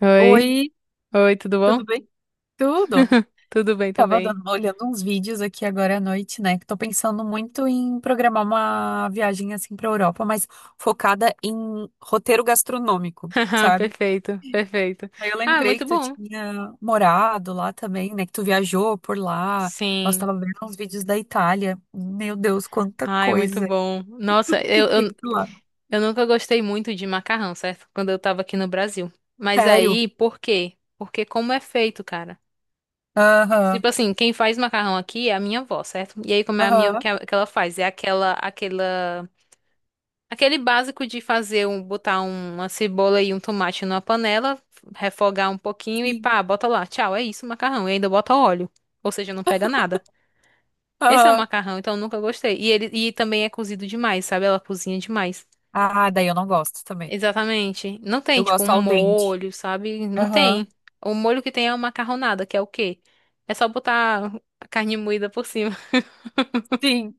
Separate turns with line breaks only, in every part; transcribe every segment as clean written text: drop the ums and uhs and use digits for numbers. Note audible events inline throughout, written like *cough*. Oi,
Oi,
oi, tudo bom?
tudo bem? Tudo.
*laughs* Tudo bem
Tava
também.
olhando uns vídeos aqui agora à noite, né? Que tô pensando muito em programar uma viagem assim pra Europa, mas focada em roteiro gastronômico,
*laughs*
sabe?
Perfeito, perfeito.
Aí eu
Ah,
lembrei que
muito
tu
bom.
tinha morado lá também, né? Que tu viajou por lá. Nós
Sim.
tava vendo uns vídeos da Itália. Meu Deus, quanta
Ai, muito
coisa
bom. Nossa,
que
eu, eu,
tem por lá.
eu nunca gostei muito de macarrão, certo? Quando eu tava aqui no Brasil. Mas
Sério?
aí, por quê? Porque como é feito, cara?
Aham,
Tipo assim, quem faz macarrão aqui é a minha avó, certo? E aí, como é a minha que,
aham,
que ela faz? É aquela aquele básico de fazer um, botar uma cebola e um tomate numa panela, refogar um pouquinho e
sim,
pá, bota lá. Tchau, é isso, o macarrão. E ainda bota óleo. Ou seja, não pega nada. Esse é o
aham.
macarrão, então eu nunca gostei. E ele também é cozido demais, sabe? Ela cozinha demais.
Ah, daí eu não gosto também.
Exatamente. Não tem,
Eu
tipo, um
gosto al dente.
molho, sabe? Não
Aham.
tem. O molho que tem é uma macarronada, que é o quê? É só botar a carne moída por cima.
Sim.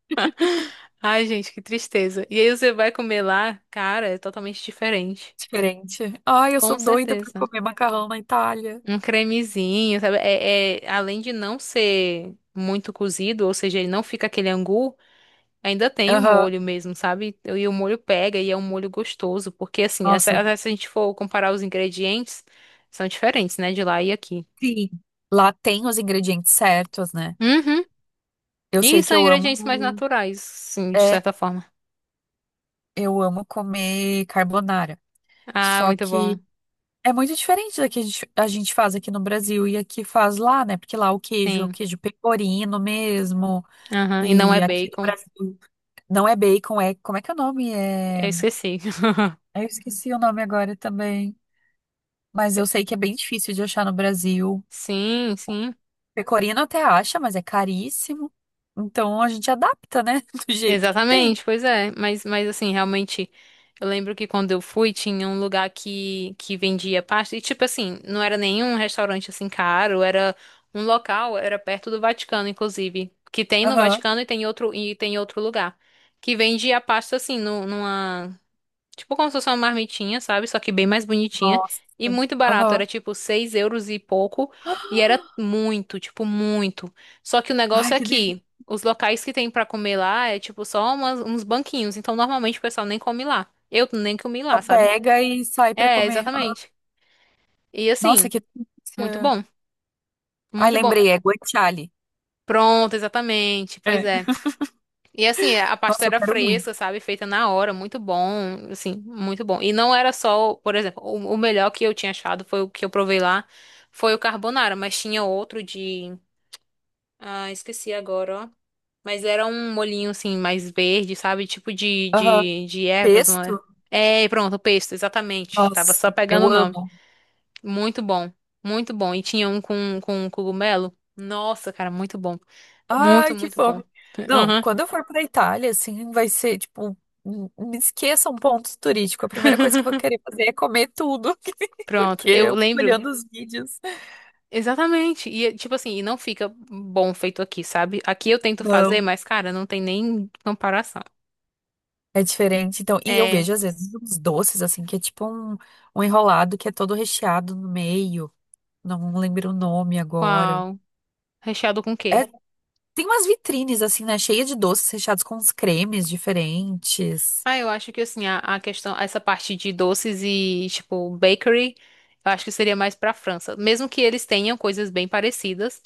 *laughs* Ai, gente, que tristeza. E aí você vai comer lá, cara, é totalmente diferente.
Diferente. Ai, eu sou
Com
doida pra
certeza.
comer macarrão na Itália.
Um cremezinho, sabe? Além de não ser muito cozido, ou seja, ele não fica aquele angu, ainda tem o
Aham.
molho mesmo, sabe? E o molho pega e é um molho gostoso, porque assim,
Nossa,
se a gente for comparar os ingredientes, são diferentes, né? De lá e aqui.
sim. Lá tem os ingredientes certos, né?
Uhum.
Eu
E
sei
são
que eu
ingredientes mais
amo.
naturais, sim, de
É,
certa forma.
eu amo comer carbonara.
Ah,
Só
muito bom.
que é muito diferente da que a gente faz aqui no Brasil e aqui faz lá, né? Porque lá o queijo é o
Sim.
queijo pecorino mesmo.
Aham. E não
E
é
aqui no
bacon.
Brasil não é bacon, é. Como é que é o nome? É.
Eu esqueci. *laughs*
Eu esqueci o nome agora também. Mas eu sei que é bem difícil de achar no Brasil.
Sim, sim.
Pecorino até acha, mas é caríssimo. Então a gente adapta, né? *laughs* Do jeito que tem.
Exatamente, pois é. Mas assim, realmente, eu lembro que quando eu fui, tinha um lugar que vendia pasta. E, tipo assim, não era nenhum restaurante assim caro, era um local, era perto do Vaticano, inclusive. Que tem no
Aham.
Vaticano e tem outro lugar. Que vendia pasta assim, numa. Tipo como se fosse uma marmitinha, sabe? Só que bem mais bonitinha.
Nossa.
E muito barato. Era
Aham.
tipo 6 euros e pouco. E era muito, tipo, muito. Só que o negócio
Ai,
é
que delícia.
que os locais que tem pra comer lá é tipo só uns banquinhos. Então normalmente o pessoal nem come lá. Eu nem comi
Só
lá, sabe?
pega e sai pra
É,
comer. Ah,
exatamente. E assim,
nossa, que
muito
delícia.
bom.
Ai,
Muito bom.
lembrei, é guanciale.
Pronto, exatamente. Pois
É.
é. E assim, é, a pasta
Nossa, eu
era
quero muito.
fresca, sabe? Feita na hora, muito bom, assim, muito bom. E não era só, por exemplo, o melhor que eu tinha achado foi o que eu provei lá, foi o carbonara, mas tinha outro de, ah, esqueci agora, ó. Mas era um molhinho assim mais verde, sabe? Tipo
Aham.
de ervas, não é?
Pesto?
É, pronto, o pesto, exatamente. Tava só
Nossa,
pegando
eu
o nome.
amo.
Muito bom, muito bom. E tinha um com cogumelo. Nossa, cara, muito bom. Muito,
Ai, que
muito bom.
fome. Não,
Aham.
quando eu for pra Itália, assim, vai ser, tipo, me esqueça um ponto turístico. A primeira coisa que eu vou
*laughs*
querer fazer é comer tudo, *laughs*
Pronto,
porque
eu
eu fico
lembro
olhando os vídeos.
exatamente. E, tipo assim, e não fica bom feito aqui, sabe? Aqui eu tento fazer,
Não.
mas, cara, não tem nem comparação.
É diferente, então. E eu
É,
vejo, às vezes, uns doces, assim, que é tipo um enrolado que é todo recheado no meio. Não lembro o nome agora.
qual? Recheado com o quê?
É, tem umas vitrines, assim, né? Cheia de doces recheados com uns cremes diferentes.
Ah, eu acho que, assim, a questão, essa parte de doces e, tipo, bakery, eu acho que seria mais pra França. Mesmo que eles tenham coisas bem parecidas,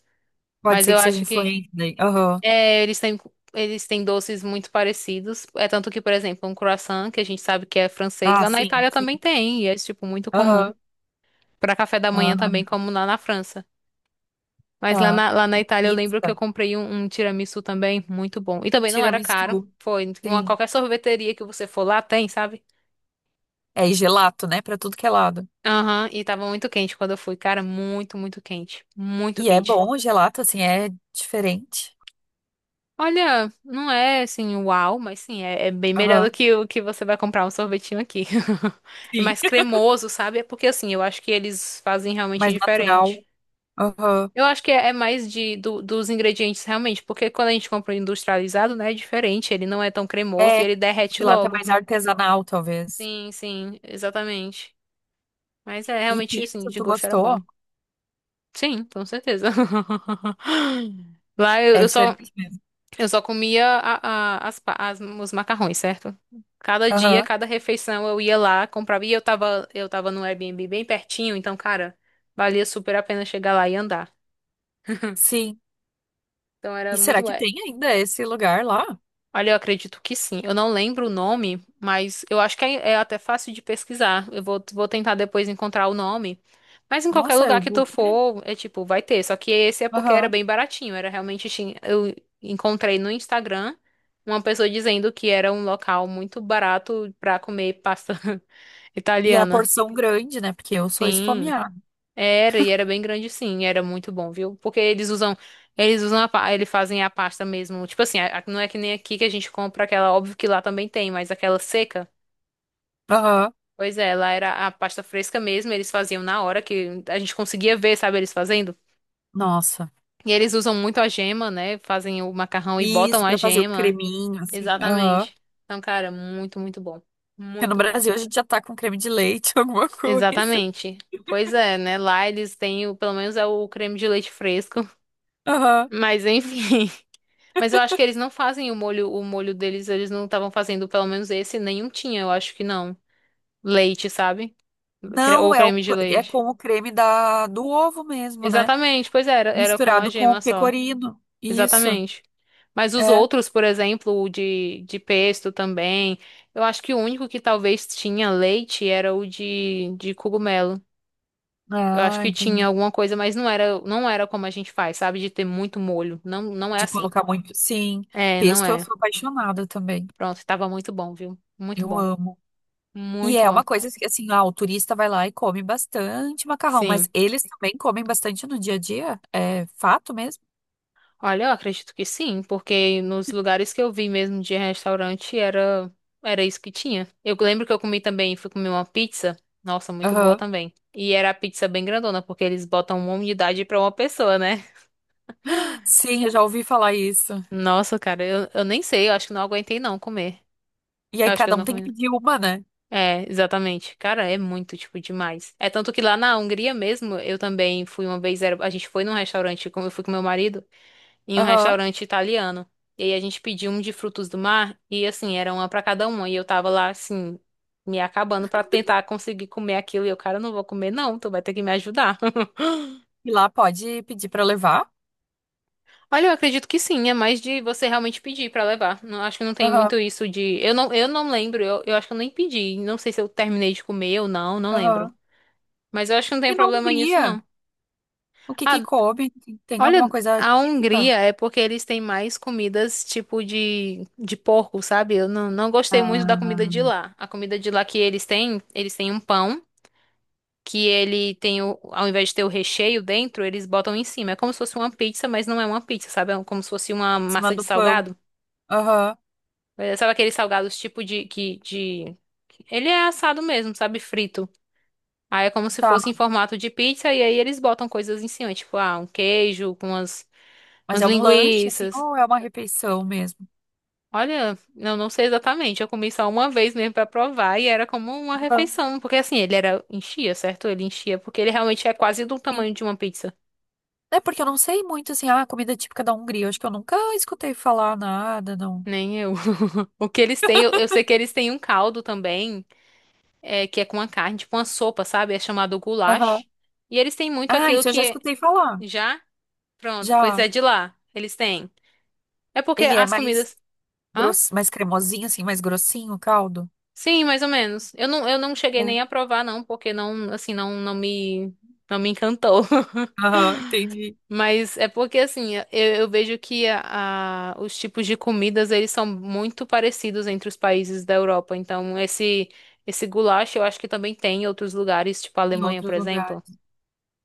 Pode
mas
ser
eu
que seja
acho que,
influente daí. Aham.
é, eles têm doces muito parecidos. É tanto que, por exemplo, um croissant, que a gente sabe que é francês,
Ah,
lá na
sim,
Itália
sim.
também tem, e é, tipo, muito comum.
Aham.
Pra café da
Ah.
manhã também, como lá na França. Mas
Tá.
lá na
E
Itália eu lembro que eu
pizza,
comprei um tiramisu também, muito bom. E também não era caro.
tiramisu,
Foi uma
sim.
qualquer sorveteria que você for lá tem, sabe?
É, e gelato, né? Pra tudo que é lado.
Aham, e tava muito quente quando eu fui, cara, muito, muito quente, muito
E é
quente.
bom o gelato, assim, é diferente.
Olha, não é assim, uau, mas sim, é, é bem melhor do
Aham,
que o que você vai comprar um sorvetinho aqui. *laughs* É
sim.
mais
*laughs*
cremoso, sabe? É porque assim, eu acho que eles fazem realmente
Mais
diferente.
natural. Aham.
Eu acho que é mais de, dos ingredientes realmente, porque quando a gente compra o industrializado, né, é diferente, ele não é tão cremoso e
É, o
ele derrete
gelato é
logo.
mais artesanal, talvez.
Sim, sim, exatamente. Mas é
E
realmente assim,
pizza,
de
tu
gosto era
gostou?
bom. Sim, com certeza. *laughs* Lá
É diferente mesmo.
eu só comia os macarrões, certo? Cada dia,
Aham,
cada refeição eu ia lá, comprava e eu tava no Airbnb bem pertinho, então, cara, valia super a pena chegar lá e andar.
sim.
Então era
E
muito
será
bom.
que tem ainda esse lugar lá?
Olha, eu acredito que sim. Eu não lembro o nome, mas eu acho que é, é até fácil de pesquisar. Vou tentar depois encontrar o nome. Mas em qualquer
Nossa,
lugar
eu
que
vou
tu
querer.
for, é tipo, vai ter. Só que esse é porque era
Aham.
bem baratinho. Era realmente. Eu encontrei no Instagram uma pessoa dizendo que era um local muito barato pra comer pasta *laughs*
E a
italiana.
porção grande, né? Porque eu sou
Sim.
esfomeada.
Era, e era bem grande sim, era muito bom, viu? Porque eles usam a, eles fazem a pasta mesmo. Tipo assim, não é que nem aqui que a gente compra aquela, óbvio que lá também tem, mas aquela seca.
Aham.
Pois é, lá era a pasta fresca mesmo, eles faziam na hora que a gente conseguia ver, sabe, eles fazendo.
Nossa.
E eles usam muito a gema, né? Fazem o macarrão e botam
Isso,
a
pra fazer o
gema.
creminho, assim. Aham.
Exatamente. Então, cara, muito, muito bom.
Porque no
Muito bom.
Brasil a gente já tá com creme de leite, *laughs* alguma coisa.
Exatamente. Pois é, né? Lá eles têm, pelo menos é o creme de leite fresco. *laughs*
Aham.
Mas enfim. Mas eu acho que eles não fazem o molho deles, eles não estavam fazendo, pelo menos esse, nenhum tinha, eu acho que não. Leite, sabe? Ou
Não, é, o,
creme de
é
leite.
com o creme da, do ovo mesmo, né?
Exatamente, pois era, era com a
Misturado com o
gema só.
pecorino. Isso,
Exatamente. Mas os
é.
outros, por exemplo, o de pesto também, eu acho que o único que talvez tinha leite era o de cogumelo. Eu acho
Ah,
que tinha
entendi.
alguma coisa, mas não era como a gente faz, sabe? De ter muito molho. Não, não é
De
assim.
colocar muito. Sim,
É, não
pesto eu
é.
sou apaixonada também.
Pronto, tava muito bom, viu? Muito
Eu
bom.
amo. E
Muito
é
bom.
uma coisa que, assim, ah, o turista vai lá e come bastante macarrão, mas
Sim.
eles também comem bastante no dia a dia? É fato mesmo?
Olha, eu acredito que sim, porque nos lugares que eu vi mesmo de restaurante era isso que tinha. Eu lembro que eu comi também, fui comer uma pizza, nossa, muito boa
Aham.
também. E era a pizza bem grandona, porque eles botam uma unidade pra uma pessoa, né? *laughs*
Sim, eu já ouvi falar isso.
Nossa, cara, eu nem sei, eu acho que não aguentei não comer.
E
Eu
aí
acho que eu
cada um
não
tem
comi.
que
Não.
pedir uma, né?
É, exatamente. Cara, é muito, tipo, demais. É tanto que lá na Hungria mesmo, eu também fui uma vez, a gente foi num restaurante, como eu fui com meu marido. Em um
Aham.
restaurante italiano. E aí a gente pediu um de frutos do mar e assim, era uma pra cada uma e eu tava lá assim, me acabando pra tentar conseguir comer aquilo e eu, cara, eu não vou comer não, tu vai ter que me ajudar. *laughs*
E lá pode pedir para levar.
Olha, eu acredito que sim, é mais de você realmente pedir pra levar. Não, acho que não tem
Aham,
muito isso de eu não lembro, eu acho que eu nem pedi, não sei se eu terminei de comer ou não, não lembro.
aham.
Mas eu acho que não
E
tem
na
problema nisso
Hungria,
não.
o que que
Ah,
come? Tem alguma
olha,
coisa
a
típica?
Hungria é porque eles têm mais comidas tipo de porco, sabe? Eu não gostei muito da
Ah,
comida de lá. A comida de lá que eles têm um pão que ele tem o, ao invés de ter o recheio dentro, eles botam em cima. É como se fosse uma pizza, mas não é uma pizza, sabe? É como se fosse uma
é. Em cima
massa de
do pão.
salgado.
Aham.
É, sabe aqueles salgados tipo de... Ele é assado mesmo, sabe? Frito. Aí é como se fosse
Tá.
em formato de pizza e aí eles botam coisas em cima, tipo, ah, um queijo com umas,
Mas
umas
é um lanche, assim,
linguiças.
ou é uma refeição mesmo?
Olha, eu não sei exatamente. Eu comi só uma vez mesmo pra provar e era como uma
Aham.
refeição, porque assim, ele era enchia, certo? Ele enchia porque ele realmente é quase do
Sim.
tamanho de uma pizza.
É porque eu não sei muito, assim, ah, comida típica da Hungria. Eu acho que eu nunca escutei falar nada, não.
Nem eu. *laughs* O que eles têm, eu sei que eles têm um caldo também, é, que é com a carne, tipo uma sopa, sabe? É chamado
Aham.
goulash. E eles têm muito
Ah,
aquilo
isso eu já
que é...
escutei falar.
Já pronto, pois
Já.
é de lá. Eles têm. É porque
Ele é
as
mais
comidas, hã?
grosso, mais cremosinho, assim, mais grossinho o caldo?
Sim, mais ou menos. Eu não cheguei
É.
nem a provar não, porque não, assim, não me encantou. *laughs*
Aham, entendi.
Mas é porque assim, eu vejo que os tipos de comidas eles são muito parecidos entre os países da Europa. Então esse goulash eu acho que também tem em outros lugares, tipo a
Em
Alemanha, por
outros lugares.
exemplo.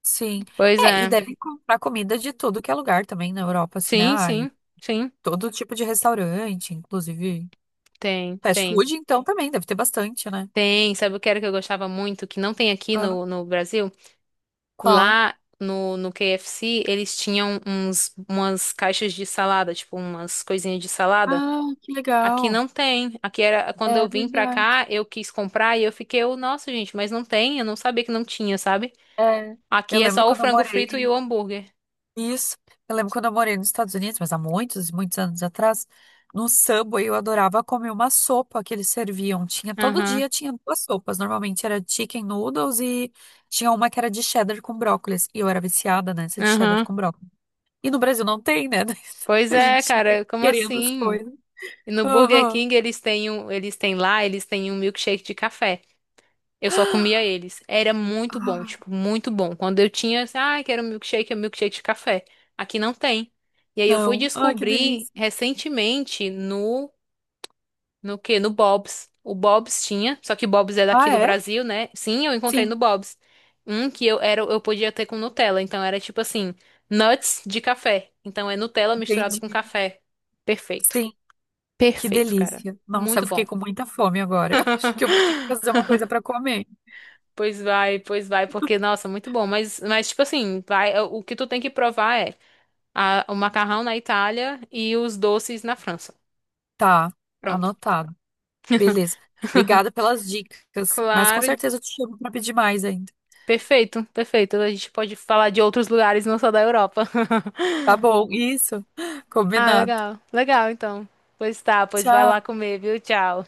Sim.
Pois
É, e
é.
deve comprar comida de tudo que é lugar também na Europa, assim, né?
Sim,
Ai,
sim, sim.
todo tipo de restaurante, inclusive
Tem,
fast
tem.
food, então também deve ter bastante, né?
Tem. Sabe o que era que eu gostava muito que não tem aqui
Ah,
no, no Brasil?
qual?
Lá no, no KFC eles tinham uns umas caixas de salada, tipo umas coisinhas de salada.
Ah, que
Aqui
legal.
não tem. Aqui era quando
É
eu vim pra
verdade.
cá, eu quis comprar e eu fiquei, eu, nossa, gente, mas não tem. Eu não sabia que não tinha, sabe?
É. Eu
Aqui é
lembro
só o
quando eu
frango frito e o
morei.
hambúrguer.
Isso. Eu lembro quando eu morei nos Estados Unidos, mas há muitos, muitos anos atrás, no Subway eu adorava comer uma sopa que eles serviam. Tinha todo
Aham,
dia tinha duas sopas. Normalmente era chicken noodles e tinha uma que era de cheddar com brócolis. E eu era viciada nessa de cheddar
aham.
com brócolis. E no Brasil não tem, né? *laughs*
Pois
A
é,
gente fica
cara, como
querendo as
assim?
coisas.
E no Burger
Aham.
King eles têm um, eles têm um milkshake de café. Eu só comia eles. Era muito bom,
Ah,
tipo, muito bom. Quando eu tinha, assim, ah, quero um milkshake, é um milkshake de café. Aqui não tem. E aí eu fui
não. Ai, que
descobrir
delícia.
recentemente no no quê? No Bob's. O Bob's tinha, só que o Bob's é daqui
Ah,
do
é?
Brasil, né? Sim, eu encontrei no
Sim,
Bob's. Um que eu era, eu podia ter com Nutella, então era tipo assim, nuts de café. Então é Nutella misturado com
entendi.
café. Perfeito.
Sim, que
Perfeito, cara.
delícia. Nossa, eu
Muito bom.
fiquei com muita fome agora. *laughs* Acho que eu vou ter que fazer uma
*laughs*
coisa para comer.
Pois vai, porque nossa, muito bom, mas tipo assim, vai, é, o que tu tem que provar é o macarrão na Itália e os doces na França.
Tá,
Pronto.
anotado. Beleza.
*laughs*
Obrigada pelas dicas, mas com
Claro,
certeza eu te chamo para pedir mais ainda.
perfeito, perfeito. A gente pode falar de outros lugares, não só da Europa. *laughs*
Tá bom, isso. *laughs*
Ah,
Combinado.
legal. Legal, então. Pois tá, pois vai lá
Tchau.
comer, viu? Tchau.